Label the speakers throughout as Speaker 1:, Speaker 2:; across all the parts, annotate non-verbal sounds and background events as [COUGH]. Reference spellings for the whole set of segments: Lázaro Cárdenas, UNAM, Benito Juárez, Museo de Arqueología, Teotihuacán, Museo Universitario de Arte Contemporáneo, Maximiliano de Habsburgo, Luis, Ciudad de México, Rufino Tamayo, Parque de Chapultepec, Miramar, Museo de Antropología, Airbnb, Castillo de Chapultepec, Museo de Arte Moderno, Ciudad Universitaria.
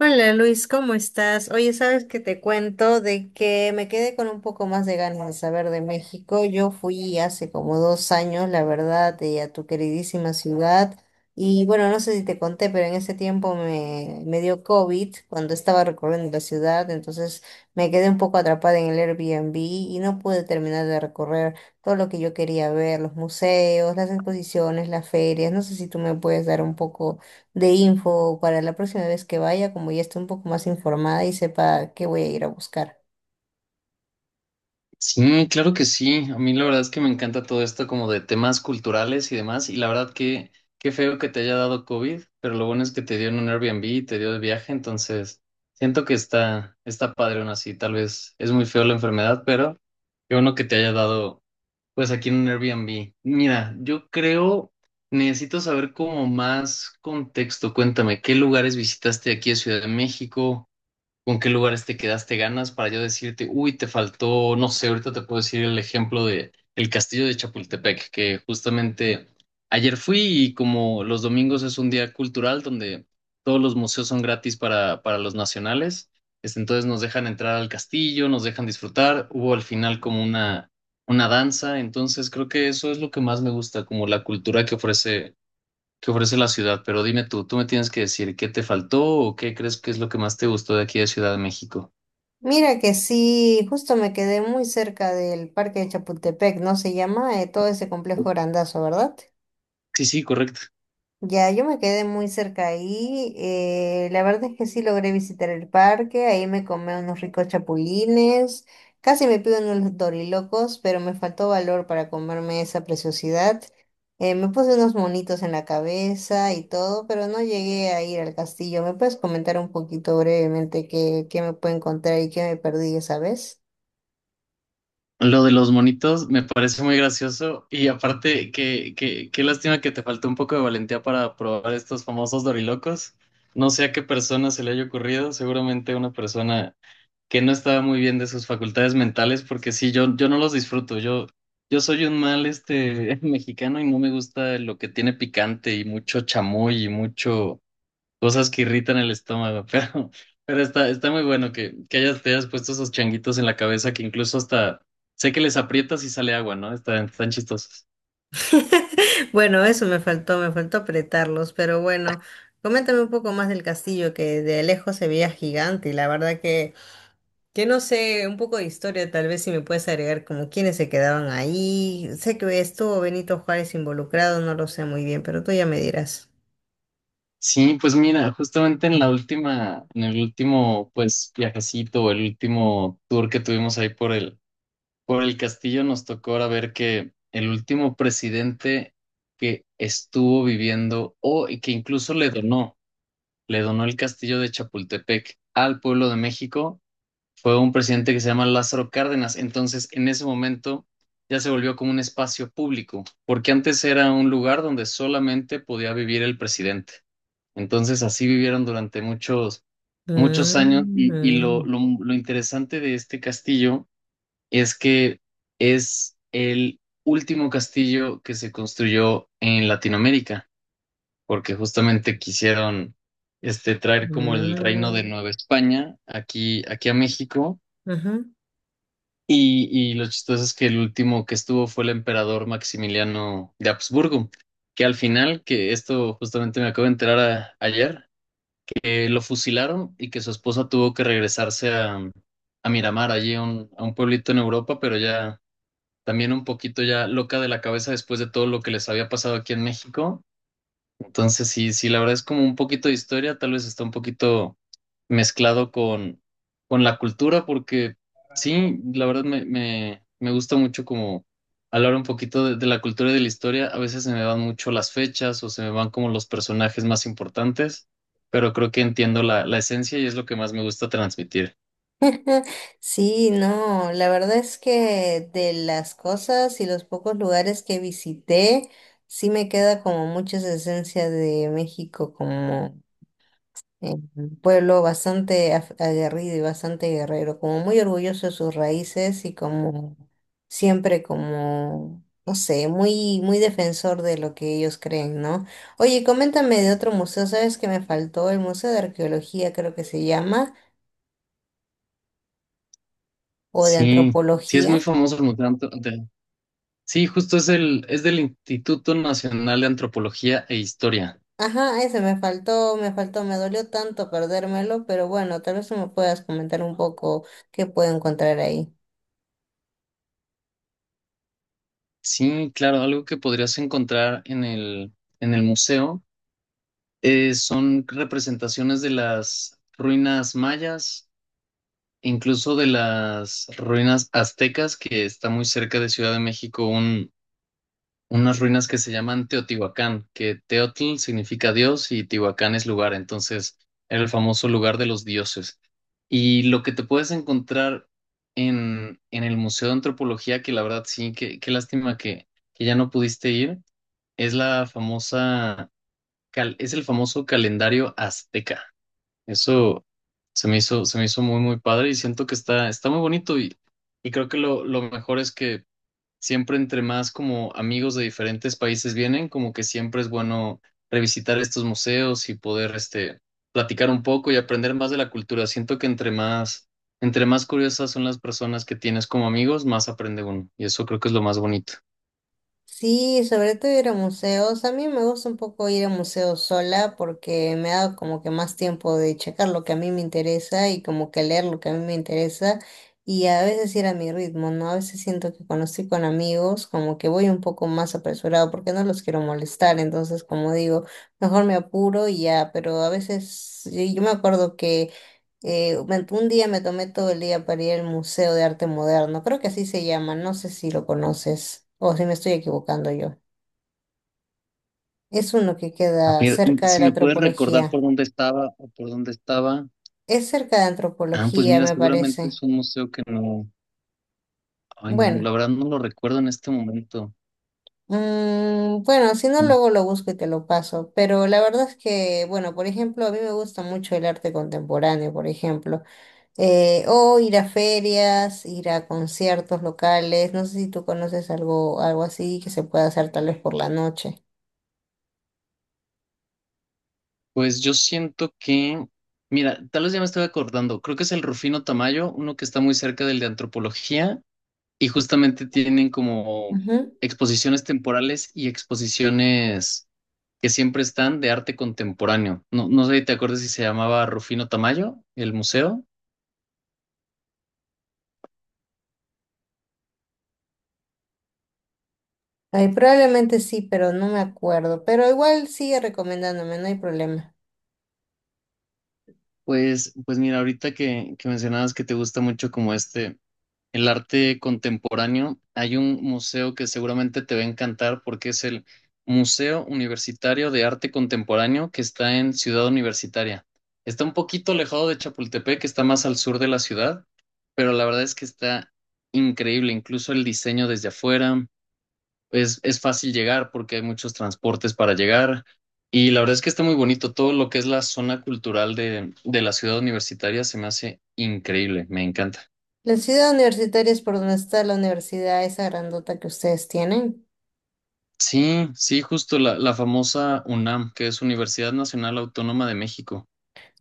Speaker 1: Hola Luis, ¿cómo estás? Oye, sabes que te cuento de que me quedé con un poco más de ganas de saber de México. Yo fui hace como 2 años, la verdad, a tu queridísima ciudad. Y bueno, no sé si te conté, pero en ese tiempo me dio COVID cuando estaba recorriendo la ciudad, entonces me quedé un poco atrapada en el Airbnb y no pude terminar de recorrer todo lo que yo quería ver, los museos, las exposiciones, las ferias. No sé si tú me puedes dar un poco de info para la próxima vez que vaya, como ya esté un poco más informada y sepa qué voy a ir a buscar.
Speaker 2: Sí, claro que sí. A mí la verdad es que me encanta todo esto como de temas culturales y demás. Y la verdad que qué feo que te haya dado COVID, pero lo bueno es que te dio en un Airbnb y te dio de viaje, entonces siento que está padre aún así. Tal vez es muy feo la enfermedad, pero qué bueno que te haya dado pues aquí en un Airbnb. Mira, yo creo, necesito saber como más contexto. Cuéntame, ¿qué lugares visitaste aquí en Ciudad de México? Con qué lugares te quedaste ganas para yo decirte, uy, te faltó, no sé, ahorita te puedo decir el ejemplo de el Castillo de Chapultepec, que justamente ayer fui y como los domingos es un día cultural donde todos los museos son gratis para los nacionales, entonces nos dejan entrar al castillo, nos dejan disfrutar, hubo al final como una danza, entonces creo que eso es lo que más me gusta, como la cultura que ofrece la ciudad, pero dime tú, tú me tienes que decir qué te faltó o qué crees que es lo que más te gustó de aquí de Ciudad de México.
Speaker 1: Mira que sí, justo me quedé muy cerca del Parque de Chapultepec, ¿no se llama? Todo ese complejo grandazo, ¿verdad?
Speaker 2: Sí, sí, correcto.
Speaker 1: Ya, yo me quedé muy cerca ahí. La verdad es que sí logré visitar el parque. Ahí me comí unos ricos chapulines. Casi me pido unos dorilocos, pero me faltó valor para comerme esa preciosidad. Me puse unos monitos en la cabeza y todo, pero no llegué a ir al castillo. ¿Me puedes comentar un poquito brevemente qué me puedo encontrar y qué me perdí esa vez?
Speaker 2: Lo de los monitos me parece muy gracioso y aparte qué lástima que te faltó un poco de valentía para probar estos famosos dorilocos. No sé a qué persona se le haya ocurrido, seguramente una persona que no estaba muy bien de sus facultades mentales, porque sí, yo no los disfruto. Yo soy un mal [LAUGHS] mexicano y no me gusta lo que tiene picante y mucho chamoy y mucho cosas que irritan el estómago, [LAUGHS] pero está muy bueno que hayas, te hayas puesto esos changuitos en la cabeza que incluso hasta sé que les aprietas y sale agua, ¿no? Están chistosos.
Speaker 1: [LAUGHS] Bueno, eso me faltó apretarlos, pero bueno, coméntame un poco más del castillo que de lejos se veía gigante y la verdad que no sé, un poco de historia tal vez si me puedes agregar como quiénes se quedaban ahí, sé que estuvo Benito Juárez involucrado, no lo sé muy bien, pero tú ya me dirás.
Speaker 2: Sí, pues mira, justamente en la última, en el último, pues, viajecito o el último tour que tuvimos ahí por el castillo, nos tocó ahora ver que el último presidente que estuvo viviendo o y que incluso le donó el castillo de Chapultepec al pueblo de México fue un presidente que se llama Lázaro Cárdenas. Entonces, en ese momento ya se volvió como un espacio público, porque antes era un lugar donde solamente podía vivir el presidente. Entonces, así vivieron durante muchos, muchos años. Y, y lo,
Speaker 1: Mm,
Speaker 2: lo, lo interesante de este castillo es que es el último castillo que se construyó en Latinoamérica, porque justamente quisieron traer como el reino de
Speaker 1: mm,
Speaker 2: Nueva España aquí a México.
Speaker 1: ujú.
Speaker 2: Y lo chistoso es que el último que estuvo fue el emperador Maximiliano de Habsburgo, que al final, que esto justamente me acabo de enterar ayer, que lo fusilaron y que su esposa tuvo que regresarse a Miramar, allí a a un pueblito en Europa, pero ya también un poquito ya loca de la cabeza después de todo lo que les había pasado aquí en México, entonces, sí, sí, la verdad es como un poquito de historia, tal vez está un poquito mezclado con la cultura, porque sí, la verdad me gusta mucho como hablar un poquito de la cultura y de la historia. A veces se me van mucho las fechas o se me van como los personajes más importantes, pero creo que entiendo la esencia y es lo que más me gusta transmitir.
Speaker 1: [LAUGHS] Sí, no, la verdad es que de las cosas y los pocos lugares que visité, sí me queda como mucha esa esencia de México, como un pueblo bastante aguerrido y bastante guerrero, como muy orgulloso de sus raíces y como siempre como, no sé, muy defensor de lo que ellos creen, ¿no? Oye, coméntame de otro museo, ¿sabes que me faltó? El Museo de Arqueología creo que se llama, o de
Speaker 2: Sí, sí es muy
Speaker 1: Antropología.
Speaker 2: famoso el Museo Sí, justo es es del Instituto Nacional de Antropología e Historia.
Speaker 1: Ajá, ese me faltó, me faltó, me dolió tanto perdérmelo, pero bueno, tal vez tú me puedas comentar un poco qué puedo encontrar ahí.
Speaker 2: Sí, claro, algo que podrías encontrar en el museo son representaciones de las ruinas mayas, incluso de las ruinas aztecas, que está muy cerca de Ciudad de México, unas ruinas que se llaman Teotihuacán, que Teotl significa Dios y Tihuacán es lugar, entonces era el famoso lugar de los dioses. Y lo que te puedes encontrar en el Museo de Antropología, que la verdad sí, qué lástima que ya no pudiste ir es la famosa, es el famoso calendario azteca. Eso se me hizo muy, muy padre y siento que está muy bonito y creo que lo mejor es que siempre entre más como amigos de diferentes países vienen, como que siempre es bueno revisitar estos museos y poder, platicar un poco y aprender más de la cultura. Siento que entre más curiosas son las personas que tienes como amigos, más aprende uno y eso creo que es lo más bonito.
Speaker 1: Sí, sobre todo ir a museos. A mí me gusta un poco ir a museos sola porque me da como que más tiempo de checar lo que a mí me interesa y como que leer lo que a mí me interesa y a veces ir a mi ritmo, ¿no? A veces siento que cuando estoy con amigos como que voy un poco más apresurado porque no los quiero molestar, entonces como digo, mejor me apuro y ya, pero a veces yo me acuerdo que un día me tomé todo el día para ir al Museo de Arte Moderno, creo que así se llama, no sé si lo conoces o si me estoy equivocando yo. Es uno que
Speaker 2: A
Speaker 1: queda
Speaker 2: ver,
Speaker 1: cerca de
Speaker 2: si
Speaker 1: la
Speaker 2: me puedes recordar por
Speaker 1: antropología.
Speaker 2: dónde estaba o por dónde estaba.
Speaker 1: Es cerca de
Speaker 2: Ah, pues
Speaker 1: antropología,
Speaker 2: mira,
Speaker 1: me
Speaker 2: seguramente
Speaker 1: parece.
Speaker 2: es un museo que no, ay, no, la
Speaker 1: Bueno,
Speaker 2: verdad no lo recuerdo en este momento.
Speaker 1: mm, bueno, si no, luego lo busco y te lo paso. Pero la verdad es que, bueno, por ejemplo, a mí me gusta mucho el arte contemporáneo, por ejemplo. O ir a ferias, ir a conciertos locales. No sé si tú conoces algo, algo así que se pueda hacer tal vez por la noche.
Speaker 2: Pues yo siento que, mira, tal vez ya me estoy acordando, creo que es el Rufino Tamayo, uno que está muy cerca del de antropología, y justamente tienen como
Speaker 1: Ujú.
Speaker 2: exposiciones temporales y exposiciones que siempre están de arte contemporáneo. No, no sé si te acuerdas si se llamaba Rufino Tamayo, el museo.
Speaker 1: Ay, probablemente sí, pero no me acuerdo. Pero igual sigue recomendándome, no hay problema.
Speaker 2: Pues, pues mira, ahorita que mencionabas que te gusta mucho como el arte contemporáneo, hay un museo que seguramente te va a encantar porque es el Museo Universitario de Arte Contemporáneo que está en Ciudad Universitaria. Está un poquito alejado de Chapultepec, que está más al sur de la ciudad, pero la verdad es que está increíble, incluso el diseño desde afuera es fácil llegar porque hay muchos transportes para llegar. Y la verdad es que está muy bonito. Todo lo que es la zona cultural de la ciudad universitaria se me hace increíble. Me encanta.
Speaker 1: La ciudad universitaria es por donde está la universidad, esa grandota que ustedes tienen.
Speaker 2: Sí, sí, justo la famosa UNAM, que es Universidad Nacional Autónoma de México.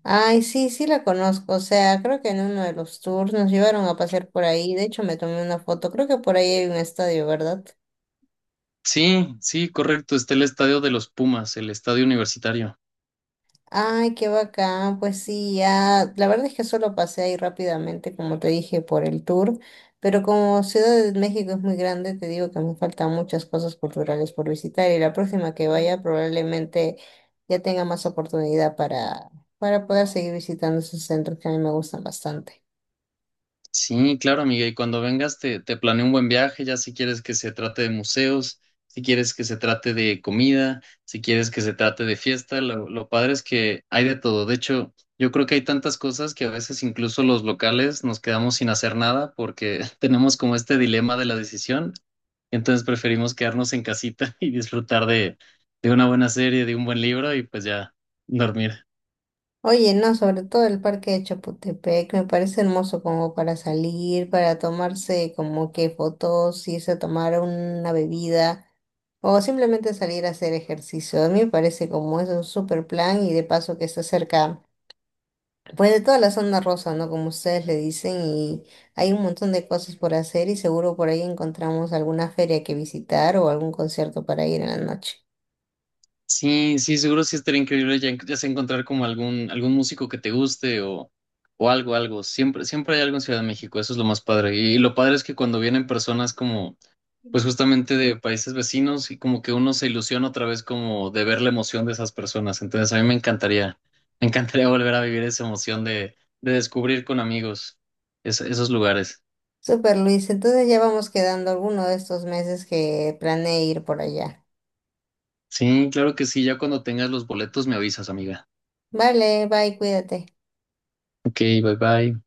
Speaker 1: Ay, sí, sí la conozco. O sea, creo que en uno de los tours nos llevaron a pasear por ahí. De hecho, me tomé una foto. Creo que por ahí hay un estadio, ¿verdad?
Speaker 2: Sí, sí, correcto. Está el Estadio de los Pumas, el estadio universitario.
Speaker 1: Ay, qué bacán, pues sí, ya, la verdad es que solo pasé ahí rápidamente, como te dije, por el tour, pero como Ciudad de México es muy grande, te digo que me faltan muchas cosas culturales por visitar y la próxima que vaya probablemente ya tenga más oportunidad para poder seguir visitando esos centros que a mí me gustan bastante.
Speaker 2: Sí, claro, amiga. Y cuando vengas, te planeo un buen viaje, ya si quieres que se trate de museos, si quieres que se trate de comida, si quieres que se trate de fiesta. Lo padre es que hay de todo. De hecho, yo creo que hay tantas cosas que a veces incluso los locales nos quedamos sin hacer nada porque [LAUGHS] tenemos como este dilema de la decisión. Entonces preferimos quedarnos en casita [LAUGHS] y disfrutar de una buena serie, de un buen libro y pues ya dormir.
Speaker 1: Oye, no, sobre todo el parque de Chapultepec me parece hermoso como para salir, para tomarse como que fotos, irse a tomar una bebida o simplemente salir a hacer ejercicio. A mí me parece como es un super plan y de paso que está cerca, pues de toda la zona rosa, ¿no? Como ustedes le dicen y hay un montón de cosas por hacer y seguro por ahí encontramos alguna feria que visitar o algún concierto para ir en la noche.
Speaker 2: Sí, sí, seguro sí estaría increíble ya, ya sea encontrar como algún, algún músico que te guste o algo, algo. Siempre, siempre hay algo en Ciudad de México, eso es lo más padre. Y, lo padre es que cuando vienen personas como, pues justamente de países vecinos y como que uno se ilusiona otra vez como de ver la emoción de esas personas. Entonces a mí me encantaría [LAUGHS] volver a vivir esa emoción de descubrir con amigos esos lugares.
Speaker 1: Super Luis, entonces ya vamos quedando alguno de estos meses que planeé ir por allá.
Speaker 2: Sí, claro que sí, ya cuando tengas los boletos me avisas, amiga.
Speaker 1: Vale, bye, cuídate.
Speaker 2: Ok, bye bye.